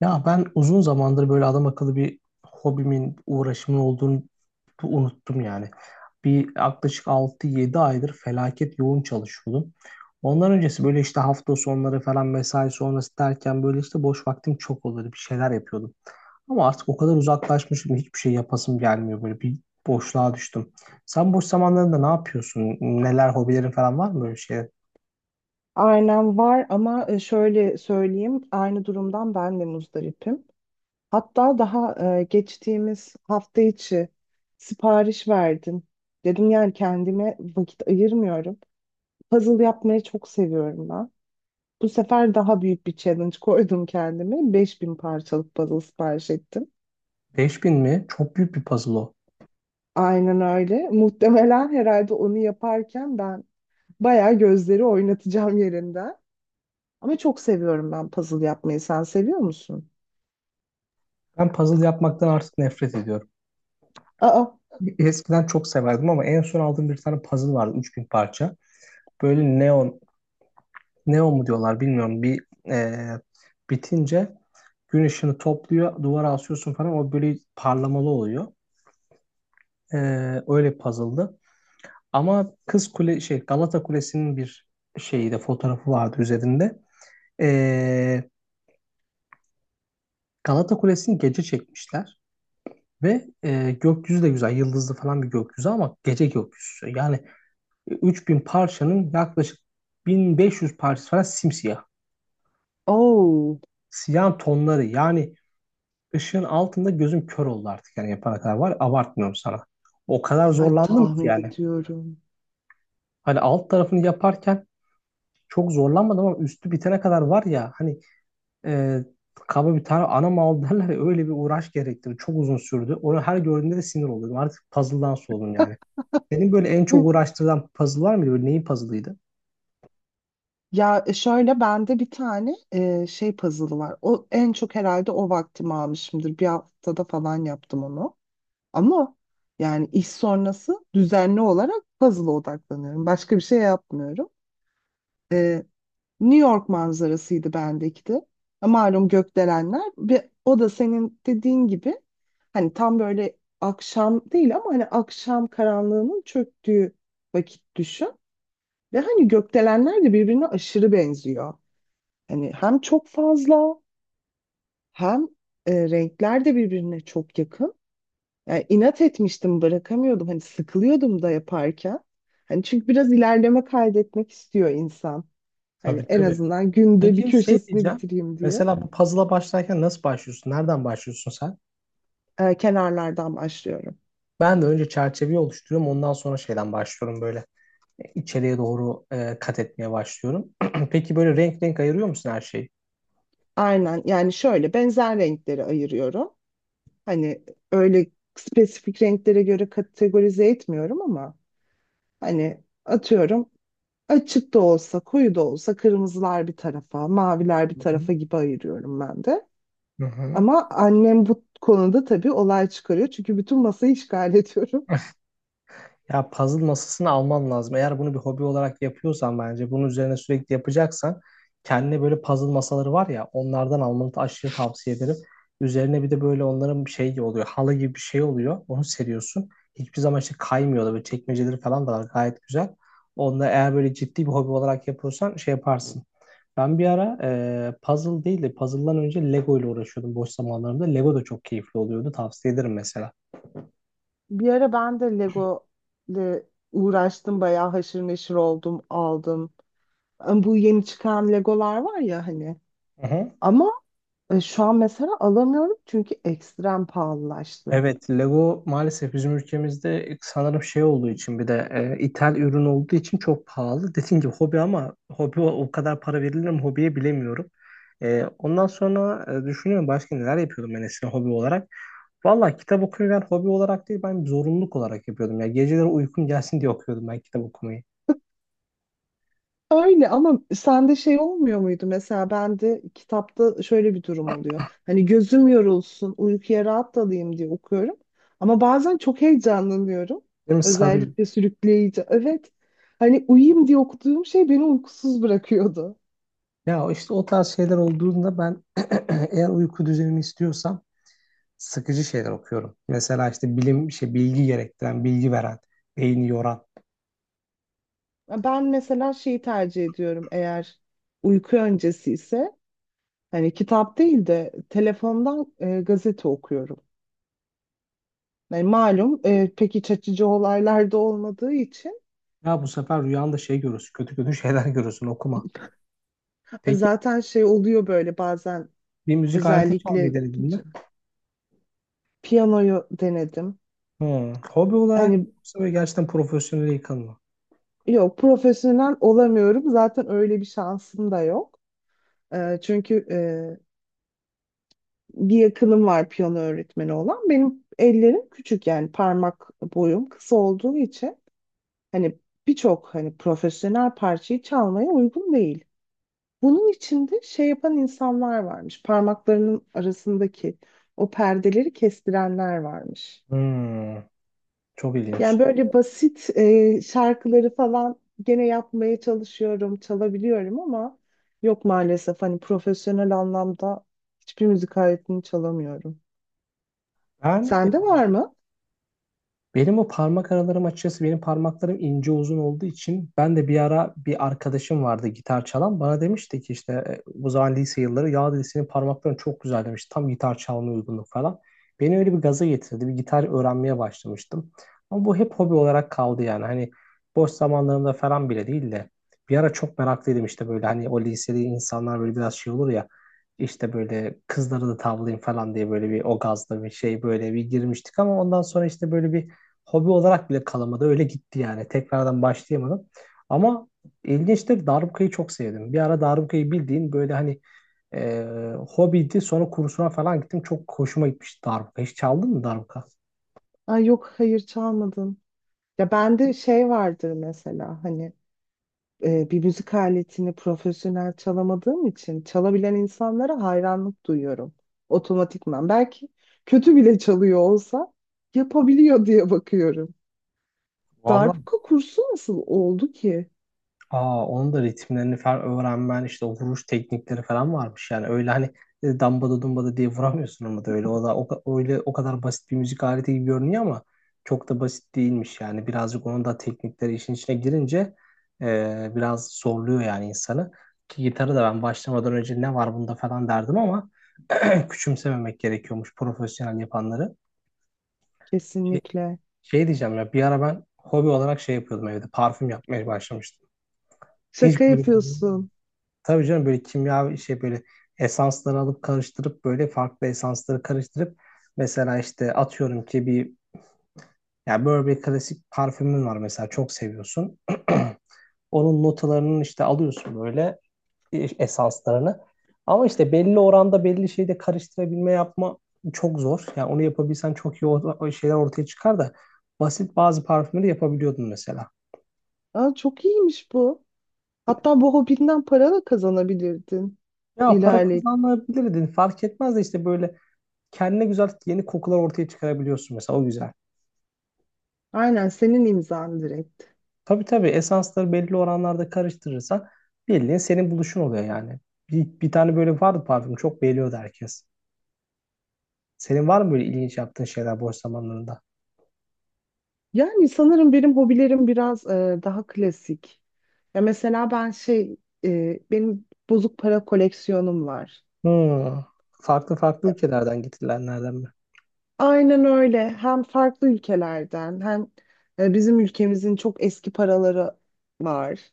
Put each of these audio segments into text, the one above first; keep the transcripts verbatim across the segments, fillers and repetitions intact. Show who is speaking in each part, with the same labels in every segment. Speaker 1: Ya ben uzun zamandır böyle adam akıllı bir hobimin, uğraşımın olduğunu unuttum yani. Bir yaklaşık altı yedi aydır felaket yoğun çalışıyordum. Ondan öncesi böyle işte hafta sonları falan mesai sonrası derken böyle işte boş vaktim çok oluyordu. Bir şeyler yapıyordum. Ama artık o kadar uzaklaşmışım hiçbir şey yapasım gelmiyor. Böyle bir boşluğa düştüm. Sen boş zamanlarında ne yapıyorsun? Neler hobilerin falan var mı böyle şey?
Speaker 2: Aynen var ama e, şöyle söyleyeyim aynı durumdan ben de muzdaripim. Hatta daha e, geçtiğimiz hafta içi sipariş verdim. Dedim yani kendime vakit ayırmıyorum. Puzzle yapmayı çok seviyorum ben. Bu sefer daha büyük bir challenge koydum kendime. Beş bin parçalık puzzle sipariş ettim.
Speaker 1: Beş bin mi? Çok büyük bir puzzle o.
Speaker 2: Aynen öyle. Muhtemelen herhalde onu yaparken ben bayağı gözleri oynatacağım yerinden. Ama çok seviyorum ben puzzle yapmayı. Sen seviyor musun?
Speaker 1: Ben puzzle yapmaktan artık nefret ediyorum.
Speaker 2: Aa.
Speaker 1: Eskiden çok severdim ama en son aldığım bir tane puzzle vardı üç bin parça. Böyle neon, neon mu diyorlar bilmiyorum. Bir e, bitince gün ışını topluyor, duvara asıyorsun falan. O böyle parlamalı oluyor. E, Öyle bir puzzle'dı. Ama Kız Kule şey Galata Kulesi'nin bir şeyi de fotoğrafı vardı üzerinde. E, Galata Kulesi'ni gece çekmişler ve e, gökyüzü de güzel, yıldızlı falan bir gökyüzü ama gece gökyüzü. Yani E, üç bin parçanın yaklaşık bin beş yüz parçası falan simsiyah.
Speaker 2: Oo,
Speaker 1: Siyah tonları yani ışığın altında gözüm kör oldu artık yani yapana kadar var. Abartmıyorum sana. O kadar
Speaker 2: ay
Speaker 1: zorlandım ki
Speaker 2: tahmin
Speaker 1: yani.
Speaker 2: ediyorum.
Speaker 1: Hani alt tarafını yaparken çok zorlanmadım ama üstü bitene kadar var ya hani e, kaba bir tane ana mal derler ya, öyle bir uğraş gerektirdi. Çok uzun sürdü. Onu her gördüğümde de sinir oluyordum. Artık puzzle'dan soğudum yani. Senin böyle en çok
Speaker 2: Hı.
Speaker 1: uğraştırılan puzzle var mıydı? Böyle neyin puzzle'ıydı?
Speaker 2: Ya e, şöyle bende bir tane e, şey puzzle'ı var. O en çok herhalde o vaktimi almışımdır. Bir haftada falan yaptım onu. Ama yani iş sonrası düzenli olarak puzzle'a odaklanıyorum. Başka bir şey yapmıyorum. E, New York manzarasıydı bendeki de. E, Malum gökdelenler ve o da senin dediğin gibi hani tam böyle akşam değil ama hani akşam karanlığının çöktüğü vakit düşün. Ve hani gökdelenler de birbirine aşırı benziyor. Hani hem çok fazla hem e, renkler de birbirine çok yakın. Yani inat etmiştim bırakamıyordum. Hani sıkılıyordum da yaparken. Hani çünkü biraz ilerleme kaydetmek istiyor insan. Hani
Speaker 1: Tabii,
Speaker 2: en
Speaker 1: tabii.
Speaker 2: azından günde bir
Speaker 1: Peki şey
Speaker 2: köşesini
Speaker 1: diyeceğim.
Speaker 2: bitireyim diye.
Speaker 1: Mesela bu puzzle'a başlarken nasıl başlıyorsun? Nereden başlıyorsun sen?
Speaker 2: E, kenarlardan başlıyorum.
Speaker 1: Ben de önce çerçeveyi oluşturuyorum. Ondan sonra şeyden başlıyorum böyle. E, içeriye doğru e, kat etmeye başlıyorum. Peki böyle renk renk ayırıyor musun her şeyi?
Speaker 2: Aynen yani şöyle benzer renkleri ayırıyorum. Hani öyle spesifik renklere göre kategorize etmiyorum ama hani atıyorum, açık da olsa, koyu da olsa kırmızılar bir tarafa, maviler bir
Speaker 1: Hı hı.
Speaker 2: tarafa gibi ayırıyorum ben de.
Speaker 1: Hı hı.
Speaker 2: Ama annem bu konuda tabii olay çıkarıyor. Çünkü bütün masayı işgal ediyorum.
Speaker 1: Ya puzzle masasını alman lazım. Eğer bunu bir hobi olarak yapıyorsan bence bunun üzerine sürekli yapacaksan kendine böyle puzzle masaları var ya onlardan almanı da aşırı tavsiye ederim. Üzerine bir de böyle onların bir şey oluyor. Halı gibi bir şey oluyor. Onu seriyorsun. Hiçbir zaman işte kaymıyor da böyle çekmeceleri falan da var gayet güzel. Onda eğer böyle ciddi bir hobi olarak yapıyorsan şey yaparsın. Ben bir ara e, puzzle değil de puzzle'dan önce Lego ile uğraşıyordum boş zamanlarımda. Lego da çok keyifli oluyordu. Tavsiye ederim mesela.
Speaker 2: Bir ara ben de Lego ile uğraştım. Bayağı haşır neşir oldum, aldım. Ama bu yeni çıkan Legolar var ya hani.
Speaker 1: Hı hı.
Speaker 2: Ama e, şu an mesela alamıyorum çünkü ekstrem pahalılaştı.
Speaker 1: Evet, Lego maalesef bizim ülkemizde sanırım şey olduğu için bir de e, ithal ürün olduğu için çok pahalı. Dediğim gibi hobi ama hobi o o kadar para verilir mi hobiye bilemiyorum. E, ondan sonra e, düşünüyorum başka neler yapıyordum ben eskiden hobi olarak. Valla kitap okumayı ben hobi olarak değil ben zorunluluk olarak yapıyordum. Ya geceleri uykum gelsin diye okuyordum ben kitap okumayı.
Speaker 2: Öyle ama sende şey olmuyor muydu, mesela bende kitapta şöyle bir durum oluyor. Hani gözüm yorulsun, uykuya rahat dalayım diye okuyorum. Ama bazen çok heyecanlanıyorum.
Speaker 1: Benim sarıyor.
Speaker 2: Özellikle sürükleyici. Evet. Hani uyuyayım diye okuduğum şey beni uykusuz bırakıyordu.
Speaker 1: Ya işte o tarz şeyler olduğunda ben eğer uyku düzenimi istiyorsam sıkıcı şeyler okuyorum. Mesela işte bilim, şey, bilgi gerektiren, bilgi veren, beyni yoran.
Speaker 2: Ben mesela şeyi tercih ediyorum, eğer uyku öncesi ise hani kitap değil de telefondan e, gazete okuyorum. Yani malum e, pek iç açıcı olaylar da olmadığı için.
Speaker 1: Ya bu sefer rüyanda şey görürsün, kötü kötü şeyler görürsün, okuma. Peki
Speaker 2: Zaten şey oluyor böyle bazen
Speaker 1: bir müzik aleti
Speaker 2: özellikle
Speaker 1: çalmayı denedin mi?
Speaker 2: piyanoyu denedim.
Speaker 1: Hmm. Hobi olarak
Speaker 2: Hani
Speaker 1: yoksa böyle gerçekten profesyonele yıkılma.
Speaker 2: yok, profesyonel olamıyorum. Zaten öyle bir şansım da yok. Ee, çünkü e, bir yakınım var piyano öğretmeni olan. Benim ellerim küçük, yani parmak boyum kısa olduğu için hani birçok hani profesyonel parçayı çalmaya uygun değil. Bunun içinde şey yapan insanlar varmış. Parmaklarının arasındaki o perdeleri kestirenler varmış.
Speaker 1: Hmm. Çok
Speaker 2: Yani
Speaker 1: ilginç.
Speaker 2: böyle basit e, şarkıları falan gene yapmaya çalışıyorum, çalabiliyorum ama yok maalesef hani profesyonel anlamda hiçbir müzik aletini çalamıyorum.
Speaker 1: Ben
Speaker 2: Sende var mı?
Speaker 1: Benim o parmak aralarım açıkçası benim parmaklarım ince uzun olduğu için ben de bir ara bir arkadaşım vardı gitar çalan bana demişti ki işte e, bu zaman lise yılları ya dedi senin parmakların çok güzel demiş tam gitar çalmaya uygunluk falan. Beni öyle bir gaza getirdi bir gitar öğrenmeye başlamıştım ama bu hep hobi olarak kaldı yani hani boş zamanlarımda falan bile değil de bir ara çok meraklıydım işte böyle hani o liseli insanlar böyle biraz şey olur ya işte böyle kızları da tavlayayım falan diye böyle bir o gazla bir şey böyle bir girmiştik ama ondan sonra işte böyle bir hobi olarak bile kalamadı. Öyle gitti yani. Tekrardan başlayamadım. Ama ilginçtir. Darbukayı çok sevdim. Bir ara darbukayı bildiğin böyle hani e, hobiydi. Sonra kursuna falan gittim. Çok hoşuma gitmişti darbuka. Hiç çaldın mı darbuka?
Speaker 2: Ay yok, hayır çalmadın. Ya bende şey vardır, mesela hani e, bir müzik aletini profesyonel çalamadığım için çalabilen insanlara hayranlık duyuyorum otomatikman. Belki kötü bile çalıyor olsa yapabiliyor diye bakıyorum.
Speaker 1: Vallahi.
Speaker 2: Darbuka kursu nasıl oldu ki?
Speaker 1: Aa, onun da ritimlerini falan öğrenmen işte o vuruş teknikleri falan varmış yani öyle hani e, dambada dumbada diye vuramıyorsun ama da öyle o da o, ka- öyle o kadar basit bir müzik aleti gibi görünüyor ama çok da basit değilmiş yani birazcık onun da teknikleri işin içine girince e, biraz zorluyor yani insanı ki gitarı da ben başlamadan önce ne var bunda falan derdim ama küçümsememek gerekiyormuş profesyonel yapanları. Şey,
Speaker 2: Kesinlikle.
Speaker 1: Şey, diyeceğim ya bir ara ben hobi olarak şey yapıyordum evde parfüm yapmaya başlamıştım.
Speaker 2: Şaka
Speaker 1: Hiç böyle
Speaker 2: yapıyorsun.
Speaker 1: Tabii canım böyle kimya şey böyle esansları alıp karıştırıp böyle farklı esansları karıştırıp mesela işte atıyorum ki bir ya böyle bir klasik parfümün var mesela çok seviyorsun. Onun notalarının işte alıyorsun böyle e, esanslarını. Ama işte belli oranda belli şeyde karıştırabilme yapma çok zor. Yani onu yapabilsen çok iyi o o şeyler ortaya çıkar da basit bazı parfümleri yapabiliyordun mesela.
Speaker 2: Aa, çok iyiymiş bu. Hatta bu hobinden para da kazanabilirdin.
Speaker 1: Ya para
Speaker 2: İlerle.
Speaker 1: kazanabilirdin fark etmez de işte böyle kendine güzel yeni kokular ortaya çıkarabiliyorsun mesela o güzel.
Speaker 2: Aynen, senin imzan direkt.
Speaker 1: Tabii, tabii, esansları belli oranlarda karıştırırsan bildiğin senin buluşun oluyor yani. Bir, bir tane böyle vardı parfüm çok beğeniyordu herkes. Senin var mı böyle ilginç yaptığın şeyler boş zamanlarında?
Speaker 2: Yani sanırım benim hobilerim biraz e, daha klasik. Ya mesela ben şey e, benim bozuk para koleksiyonum var.
Speaker 1: Hmm. Farklı farklı
Speaker 2: E,
Speaker 1: ülkelerden getirilenlerden mi?
Speaker 2: Aynen öyle. Hem farklı ülkelerden hem e, bizim ülkemizin çok eski paraları var.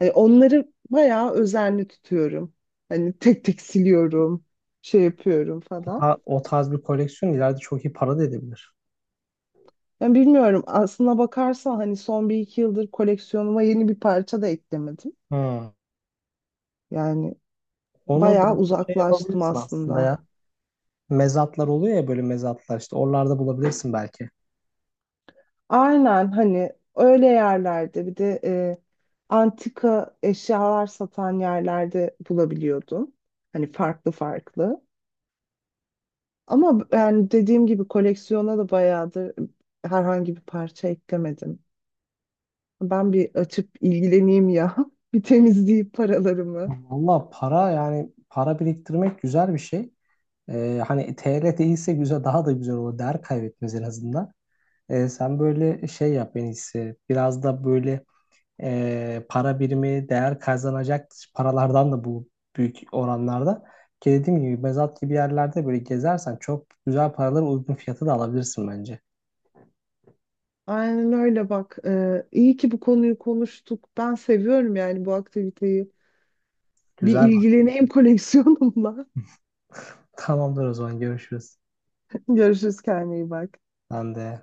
Speaker 2: E, onları bayağı özenli tutuyorum. Hani tek tek siliyorum, şey yapıyorum
Speaker 1: O,
Speaker 2: falan.
Speaker 1: ta- o tarz bir koleksiyon ileride çok iyi para da edebilir.
Speaker 2: Ben bilmiyorum. Aslına bakarsan hani son bir iki yıldır koleksiyonuma yeni bir parça da eklemedim.
Speaker 1: Hmm.
Speaker 2: Yani
Speaker 1: Onu böyle
Speaker 2: bayağı
Speaker 1: bir şey
Speaker 2: uzaklaştım
Speaker 1: yapabilirsin aslında ya.
Speaker 2: aslında.
Speaker 1: Mezatlar oluyor ya böyle mezatlar işte oralarda bulabilirsin belki.
Speaker 2: Aynen, hani öyle yerlerde bir de e, antika eşyalar satan yerlerde bulabiliyordum. Hani farklı farklı. Ama b- yani dediğim gibi koleksiyona da bayağıdır herhangi bir parça eklemedim. Ben bir açıp ilgileneyim ya. Bir temizleyip paralarımı.
Speaker 1: Valla para yani para biriktirmek güzel bir şey. Ee, hani T R değilse güzel daha da güzel olur. Değer kaybetmez en azından. Ee, sen böyle şey yap en iyisi. Biraz da böyle e, para birimi değer kazanacak paralardan da bu büyük oranlarda. Ki dediğim gibi mezat gibi yerlerde böyle gezersen çok güzel paraları uygun fiyatı da alabilirsin bence.
Speaker 2: Aynen öyle bak. E, iyi ki bu konuyu konuştuk. Ben seviyorum yani bu aktiviteyi. Bir
Speaker 1: Güzel bak.
Speaker 2: ilgileneyim koleksiyonumla.
Speaker 1: Tamamdır o zaman görüşürüz.
Speaker 2: Görüşürüz, kendine iyi bak.
Speaker 1: Ben de.